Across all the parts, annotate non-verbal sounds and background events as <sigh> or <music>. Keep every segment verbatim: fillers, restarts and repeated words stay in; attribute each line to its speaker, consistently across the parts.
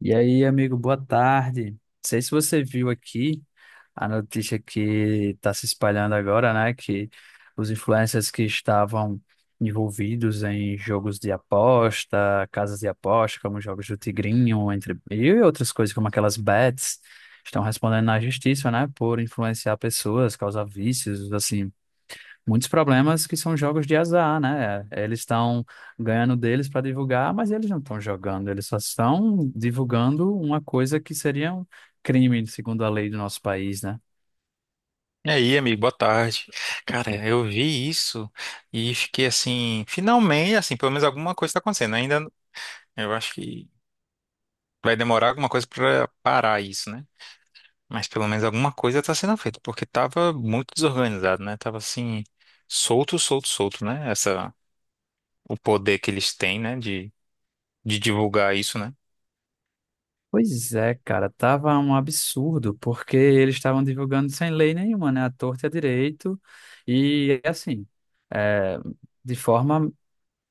Speaker 1: E aí, amigo, boa tarde. Não sei se você viu aqui a notícia que está se espalhando agora, né? Que os influencers que estavam envolvidos em jogos de aposta, casas de aposta, como jogos do Tigrinho, entre e outras coisas como aquelas bets, estão respondendo na justiça, né? Por influenciar pessoas, causar vícios, assim, muitos problemas que são jogos de azar, né? Eles estão ganhando deles para divulgar, mas eles não estão jogando, eles só estão divulgando uma coisa que seria um crime, segundo a lei do nosso país, né?
Speaker 2: E aí, amigo, boa tarde. Cara, eu vi isso e fiquei assim, finalmente, assim, pelo menos alguma coisa está acontecendo. Ainda eu acho que vai demorar alguma coisa para parar isso, né? Mas pelo menos alguma coisa está sendo feita, porque tava muito desorganizado, né? Tava assim, solto, solto, solto, né? Essa, o poder que eles têm, né, de, de divulgar isso, né?
Speaker 1: Pois é, cara, tava um absurdo, porque eles estavam divulgando sem lei nenhuma, né? A torta e a direito, e assim, é, de forma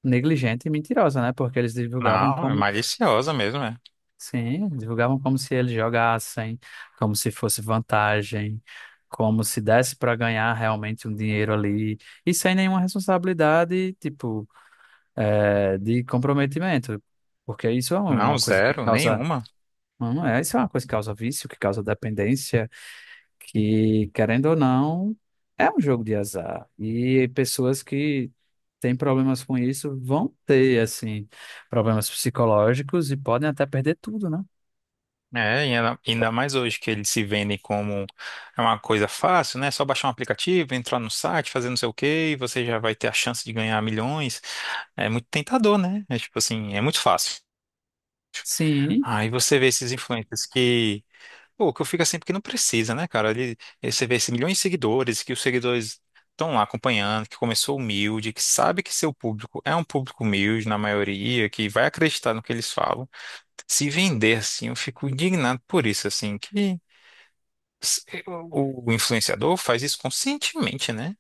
Speaker 1: negligente e mentirosa, né? Porque eles divulgavam
Speaker 2: Não, é
Speaker 1: como...
Speaker 2: maliciosa mesmo, é.
Speaker 1: Sim, divulgavam como se eles jogassem, como se fosse vantagem, como se desse para ganhar realmente um dinheiro ali, e sem nenhuma responsabilidade, tipo, eh, de comprometimento, porque isso é um,
Speaker 2: Não,
Speaker 1: uma coisa que
Speaker 2: zero,
Speaker 1: causa,
Speaker 2: nenhuma.
Speaker 1: não é, isso é uma coisa que causa vício, que causa dependência, que, querendo ou não, é um jogo de azar, e pessoas que têm problemas com isso vão ter, assim, problemas psicológicos e podem até perder tudo, né?
Speaker 2: É, e ainda ainda mais hoje que eles se vendem como é uma coisa fácil, né? É só baixar um aplicativo, entrar no site, fazer não sei o quê, e você já vai ter a chance de ganhar milhões. É muito tentador, né? É tipo assim, é muito fácil.
Speaker 1: Sim,
Speaker 2: Aí você vê esses influencers que, pô, que eu fico assim porque não precisa, né, cara? Ele, ele- você vê esses milhões de seguidores, que os seguidores estão lá acompanhando, que começou humilde, que sabe que seu público é um público humilde na maioria, que vai acreditar no que eles falam. Se vender assim, eu fico indignado por isso, assim, que s- eh, o influenciador faz isso conscientemente, né?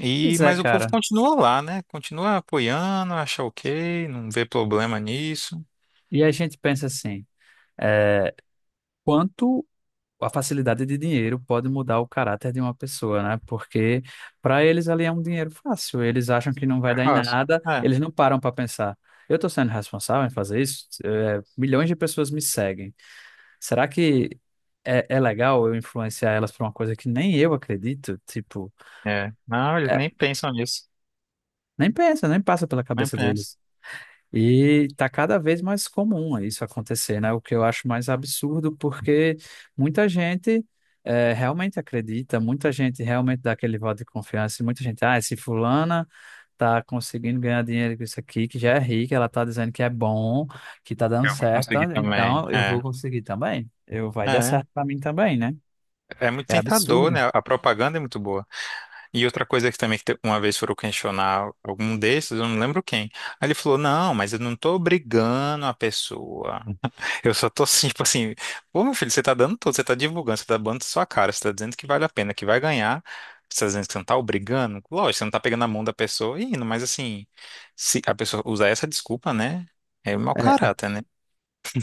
Speaker 2: E,
Speaker 1: pois é,
Speaker 2: mas o povo
Speaker 1: cara.
Speaker 2: continua lá, né? Continua apoiando, acha ok, não vê problema nisso.
Speaker 1: E a gente pensa assim, é, quanto a facilidade de dinheiro pode mudar o caráter de uma pessoa, né? Porque para eles ali é um dinheiro fácil, eles acham que não vai
Speaker 2: É
Speaker 1: dar em
Speaker 2: fácil.
Speaker 1: nada,
Speaker 2: É,
Speaker 1: eles não param para pensar. Eu estou sendo responsável em fazer isso? É, milhões de pessoas me seguem. Será que é, é legal eu influenciar elas para uma coisa que nem eu acredito? Tipo,
Speaker 2: é. Não, eles
Speaker 1: é,
Speaker 2: nem pensam nisso.
Speaker 1: nem pensa, nem passa pela
Speaker 2: Nem
Speaker 1: cabeça
Speaker 2: pensam.
Speaker 1: deles. E tá cada vez mais comum isso acontecer, né? O que eu acho mais absurdo, porque muita gente eh, realmente acredita, muita gente realmente dá aquele voto de confiança, e muita gente, ah, se fulana tá conseguindo ganhar dinheiro com isso aqui, que já é rica, ela tá dizendo que é bom, que tá dando
Speaker 2: Eu vou
Speaker 1: certo,
Speaker 2: conseguir também.
Speaker 1: então eu vou
Speaker 2: É.
Speaker 1: conseguir também. Eu, vai dar
Speaker 2: É,
Speaker 1: certo para mim também, né?
Speaker 2: é muito
Speaker 1: É
Speaker 2: tentador,
Speaker 1: absurdo.
Speaker 2: né? A propaganda é muito boa. E outra coisa que também que te- uma vez foram questionar algum desses, eu não lembro quem. Aí ele falou: não, mas eu não tô obrigando a pessoa. Eu só tô assim, <laughs> tipo assim, pô, meu filho, você tá dando tudo, você tá divulgando, você tá dando sua cara, você tá dizendo que vale a pena, que vai ganhar, você tá dizendo que você não tá obrigando, lógico, você não tá pegando a mão da pessoa e indo, mas assim, se a pessoa usar essa desculpa, né, é mau caráter, né?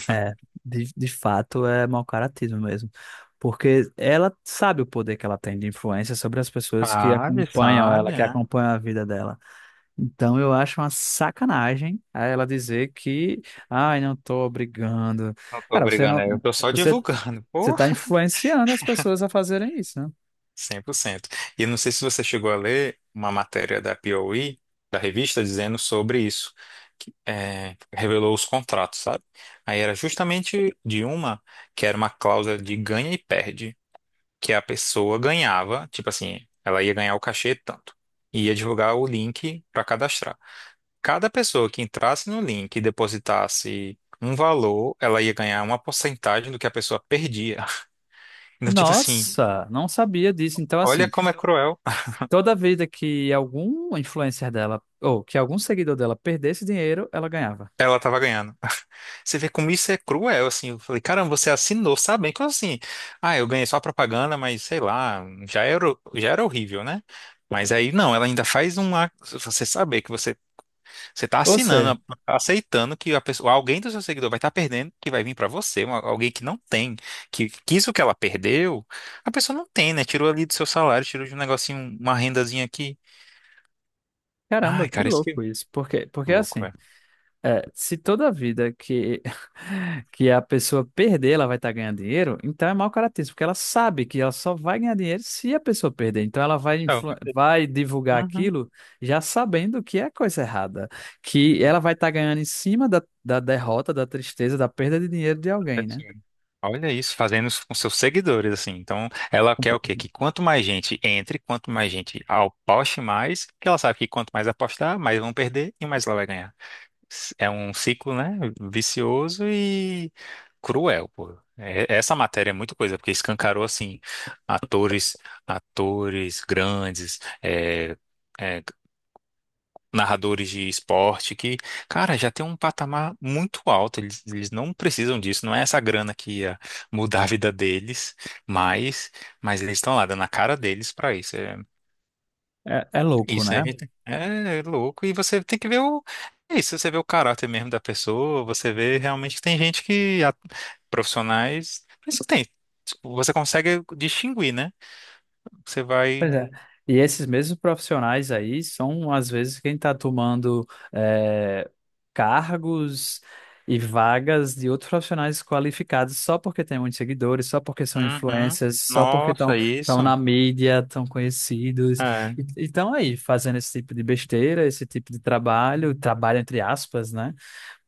Speaker 1: É, de, de fato é mau caratismo mesmo. Porque ela sabe o poder que ela tem de influência sobre as pessoas que
Speaker 2: Sabe,
Speaker 1: acompanham
Speaker 2: sabe,
Speaker 1: ela, que
Speaker 2: é.
Speaker 1: acompanham a vida dela. Então eu acho uma sacanagem a ela dizer que, ai, não tô brigando.
Speaker 2: Não tô
Speaker 1: Cara, você
Speaker 2: obrigando,
Speaker 1: não,
Speaker 2: é, eu tô só
Speaker 1: você,
Speaker 2: divulgando, <laughs>
Speaker 1: você
Speaker 2: pô.
Speaker 1: tá influenciando as pessoas a fazerem isso, né?
Speaker 2: Cem por cento. E eu não sei se você chegou a ler uma matéria da P O E, da revista, dizendo sobre isso, que é, revelou os contratos, sabe? Aí era justamente de uma que era uma cláusula de ganha e perde, que a pessoa ganhava, tipo assim, ela ia ganhar o cachê tanto, e ia divulgar o link para cadastrar. Cada pessoa que entrasse no link e depositasse um valor, ela ia ganhar uma porcentagem do que a pessoa perdia. <laughs> Então, tipo assim,
Speaker 1: Nossa, não sabia disso. Então,
Speaker 2: olha
Speaker 1: assim,
Speaker 2: como é cruel.
Speaker 1: toda vida que algum influencer dela, ou que algum seguidor dela perdesse dinheiro, ela ganhava.
Speaker 2: Ela tava ganhando. Você vê como isso é cruel, assim. Eu falei, caramba, você assinou, sabe? Então, assim, ah, eu ganhei só propaganda, mas sei lá, já era, já era horrível, né? Mas aí, não, ela ainda faz uma. Você saber que você, você tá
Speaker 1: Ou seja.
Speaker 2: assinando, aceitando que a pessoa, alguém do seu seguidor vai estar perdendo, que vai vir para você, uma- alguém que não tem, que, que isso que ela perdeu, a pessoa não tem, né? Tirou ali do seu salário, tirou de um negocinho, uma rendazinha aqui.
Speaker 1: Caramba,
Speaker 2: Ai,
Speaker 1: que
Speaker 2: cara, isso que é
Speaker 1: louco isso. Porque, porque
Speaker 2: louco,
Speaker 1: assim,
Speaker 2: velho.
Speaker 1: é, se toda vida que, <laughs> que a pessoa perder, ela vai estar ganhando dinheiro, então é mau caratismo, porque ela sabe que ela só vai ganhar dinheiro se a pessoa perder. Então ela vai,
Speaker 2: Então,
Speaker 1: influ- vai divulgar
Speaker 2: uhum.
Speaker 1: aquilo já sabendo que é coisa errada, que ela vai estar ganhando em cima da, da derrota, da tristeza, da perda de dinheiro de
Speaker 2: É
Speaker 1: alguém, né?
Speaker 2: assim. Olha isso, fazendo isso com seus seguidores, assim. Então, ela quer o quê? Que quanto mais gente entre, quanto mais gente aposte mais, porque ela sabe que quanto mais apostar, mais vão perder e mais ela vai ganhar. S- é um ciclo, né? Vicioso e cruel, pô. É, essa matéria é muita coisa, porque escancarou, assim, atores, atores grandes, é, é, narradores de esporte que, cara, já tem um patamar muito alto. Eles, eles não precisam disso, não é essa grana que ia mudar a vida deles, mas, mas eles estão lá dando a cara deles pra isso. É,
Speaker 1: É, é louco,
Speaker 2: isso a
Speaker 1: né?
Speaker 2: gente é é louco, e você tem que ver o, é isso, você vê o caráter mesmo da pessoa, você vê realmente que tem gente que a- profissionais, isso tem. Tipo, você consegue distinguir, né? Você
Speaker 1: Pois
Speaker 2: vai
Speaker 1: é. E esses mesmos profissionais aí são, às vezes, quem está tomando eh, cargos e vagas de outros profissionais qualificados só porque tem muitos seguidores, só porque são
Speaker 2: Uhum.
Speaker 1: influencers, só porque estão
Speaker 2: Nossa,
Speaker 1: estão
Speaker 2: isso.
Speaker 1: na mídia, estão conhecidos. E
Speaker 2: É.
Speaker 1: estão aí fazendo esse tipo de besteira, esse tipo de trabalho, trabalho entre aspas, né?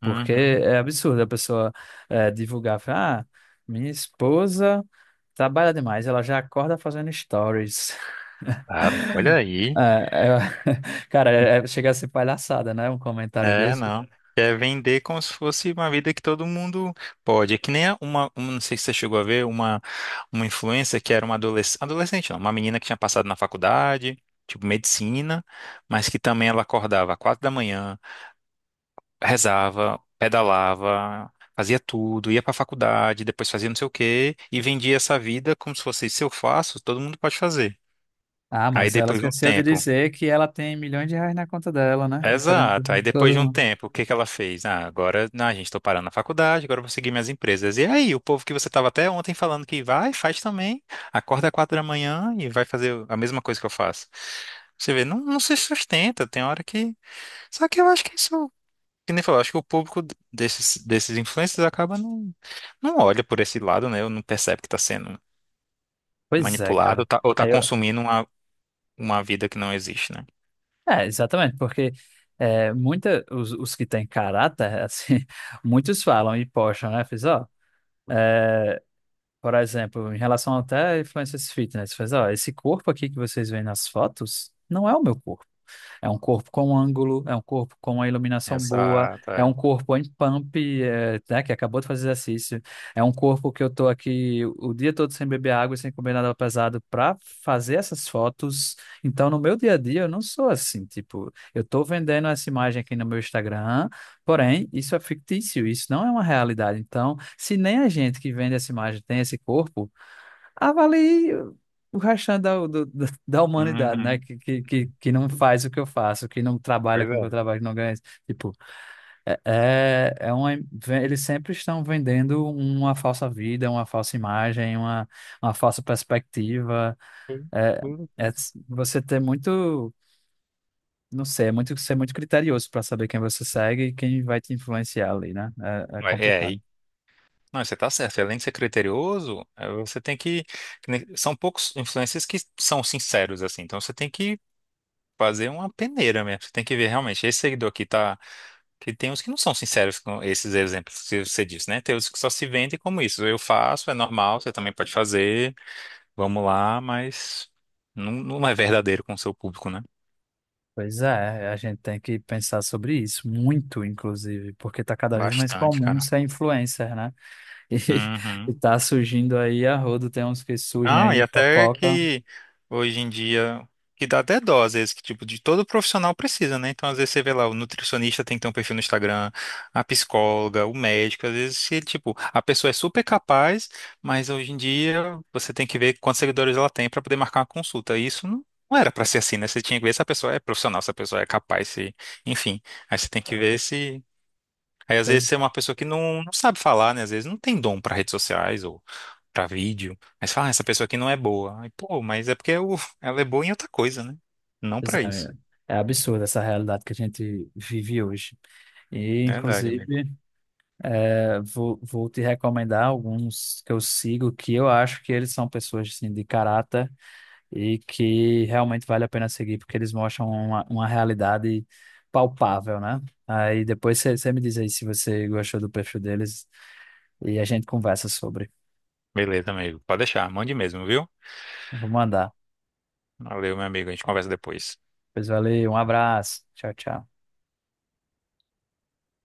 Speaker 1: Porque
Speaker 2: Uhum.
Speaker 1: é absurdo a pessoa eh, divulgar, falar, ah, minha esposa. Trabalha demais, ela já acorda fazendo stories.
Speaker 2: Ah, olha
Speaker 1: É,
Speaker 2: aí.
Speaker 1: é- <laughs> cara, é- é- chega a ser palhaçada, né? Um comentário
Speaker 2: É,
Speaker 1: desse.
Speaker 2: não. É vender como se fosse uma vida que todo mundo pode. É que nem a- uma, uma- não sei se você chegou a ver, uma, uma influencer que era uma adolescente, adolescente não, uma menina que tinha passado na faculdade, tipo medicina, mas que também ela acordava às quatro da manhã, rezava, pedalava, fazia tudo, ia pra faculdade, depois fazia não sei o quê, e vendia essa vida como se fosse, se eu faço, todo mundo pode fazer.
Speaker 1: Ah,
Speaker 2: Aí
Speaker 1: mas ela
Speaker 2: depois de um
Speaker 1: esqueceu de
Speaker 2: tempo.
Speaker 1: dizer que ela tem milhões de reais na conta dela, né? Diferente
Speaker 2: Exato.
Speaker 1: de
Speaker 2: Aí depois de
Speaker 1: todo
Speaker 2: um
Speaker 1: mundo.
Speaker 2: tempo, o que que ela fez? Ah, agora, não, gente, estou parando na faculdade, agora eu vou seguir minhas empresas. E aí, o povo que você estava até ontem falando que vai, faz também, acorda às quatro da manhã e vai fazer a mesma coisa que eu faço. Você vê, não, não se sustenta, tem hora que. Só que eu acho que isso, que nem falou, acho que o público desses, desses influencers acaba não, não olha por esse lado, né? Ou não percebe que está sendo
Speaker 1: Pois é,
Speaker 2: manipulado ou
Speaker 1: cara.
Speaker 2: tá, ou tá
Speaker 1: Aí eu...
Speaker 2: consumindo uma, uma vida que não existe, né?
Speaker 1: É, exatamente, porque é, muita, os, os que têm caráter, <laughs> assim, muitos falam e postam, né? Fiz, ó, é, por exemplo, em relação até a influencers fitness, fez, ó, esse corpo aqui que vocês veem nas fotos não é o meu corpo. É um corpo com ângulo, é um corpo com a iluminação boa,
Speaker 2: Exato,
Speaker 1: é um
Speaker 2: é.
Speaker 1: corpo em pump, é, né, que acabou de fazer exercício. É um corpo que eu tô aqui o dia todo sem beber água e sem comer nada pesado para fazer essas fotos. Então, no meu dia a dia, eu não sou assim, tipo, eu tô vendendo essa imagem aqui no meu Instagram, porém, isso é fictício, isso não é uma realidade. Então, se nem a gente que vende essa imagem tem esse corpo, avalie o restante da, do- da da humanidade, né?
Speaker 2: Uhum.
Speaker 1: Que, que, que, que não faz o que eu faço, que não trabalha
Speaker 2: Pois
Speaker 1: com o que eu
Speaker 2: é.
Speaker 1: trabalho, que não ganha. Tipo, é, é é uma, ve- eles sempre estão vendendo uma falsa vida, uma falsa imagem, uma, uma falsa perspectiva. É,
Speaker 2: Uhum.
Speaker 1: é s- você ter muito, não sei, é muito, ser muito criterioso para saber quem você segue e quem vai te influenciar ali, né? É, é
Speaker 2: Ué, É,
Speaker 1: complicado.
Speaker 2: e- não, você tá certo. Além de ser criterioso, é, você tem que. que nem- São poucos influencers que são sinceros, assim. Então você tem que fazer uma peneira mesmo. Você tem que ver realmente. Esse seguidor aqui tá. Que tem uns que não são sinceros com esses exemplos que você disse, né? Tem os que só se vendem como isso. Eu faço, é normal, você também pode fazer. Vamos lá, mas não, não é verdadeiro com o seu público, né?
Speaker 1: Pois é, a gente tem que pensar sobre isso, muito, inclusive, porque está cada vez mais
Speaker 2: Bastante,
Speaker 1: comum
Speaker 2: cara.
Speaker 1: ser influencer, né? <laughs> E, e
Speaker 2: Uhum.
Speaker 1: tá surgindo aí a rodo, tem uns que surgem
Speaker 2: Não,
Speaker 1: aí
Speaker 2: e
Speaker 1: em
Speaker 2: até
Speaker 1: fofoca.
Speaker 2: que hoje em dia, que dá até dó, às vezes, que tipo, de todo profissional precisa, né? Então, às vezes, você vê lá, o nutricionista tem que ter um perfil no Instagram, a psicóloga, o médico, às vezes, se, tipo, a pessoa é super capaz, mas hoje em dia você tem que ver quantos seguidores ela tem para poder marcar uma consulta. E isso não, não era para ser assim, né? Você tinha que ver se a pessoa é profissional, se a pessoa é capaz, se, enfim. Aí você tem que ver se. Aí, às vezes,
Speaker 1: Pois
Speaker 2: você é
Speaker 1: é,
Speaker 2: uma pessoa que não, não sabe falar, né? Às vezes, não tem dom para redes sociais para vídeo. Mas fala, ah, essa pessoa aqui não é boa. Aí, pô, mas é porque eu- <laughs> ela é boa em outra coisa, né? Não
Speaker 1: pois
Speaker 2: para
Speaker 1: é,
Speaker 2: isso.
Speaker 1: é absurda essa realidade que a gente vive hoje. E,
Speaker 2: Verdade, amigo.
Speaker 1: inclusive, é, vou, vou te recomendar alguns que eu sigo, que eu acho que eles são pessoas assim, de caráter e que realmente vale a pena seguir, porque eles mostram uma, uma realidade palpável, né? Aí depois você me diz aí se você gostou do perfil deles e a gente conversa sobre.
Speaker 2: Beleza, amigo. Pode deixar, mande mesmo, viu?
Speaker 1: Eu vou mandar.
Speaker 2: Valeu, meu amigo. A gente conversa depois.
Speaker 1: Pois valeu, um abraço. Tchau, tchau.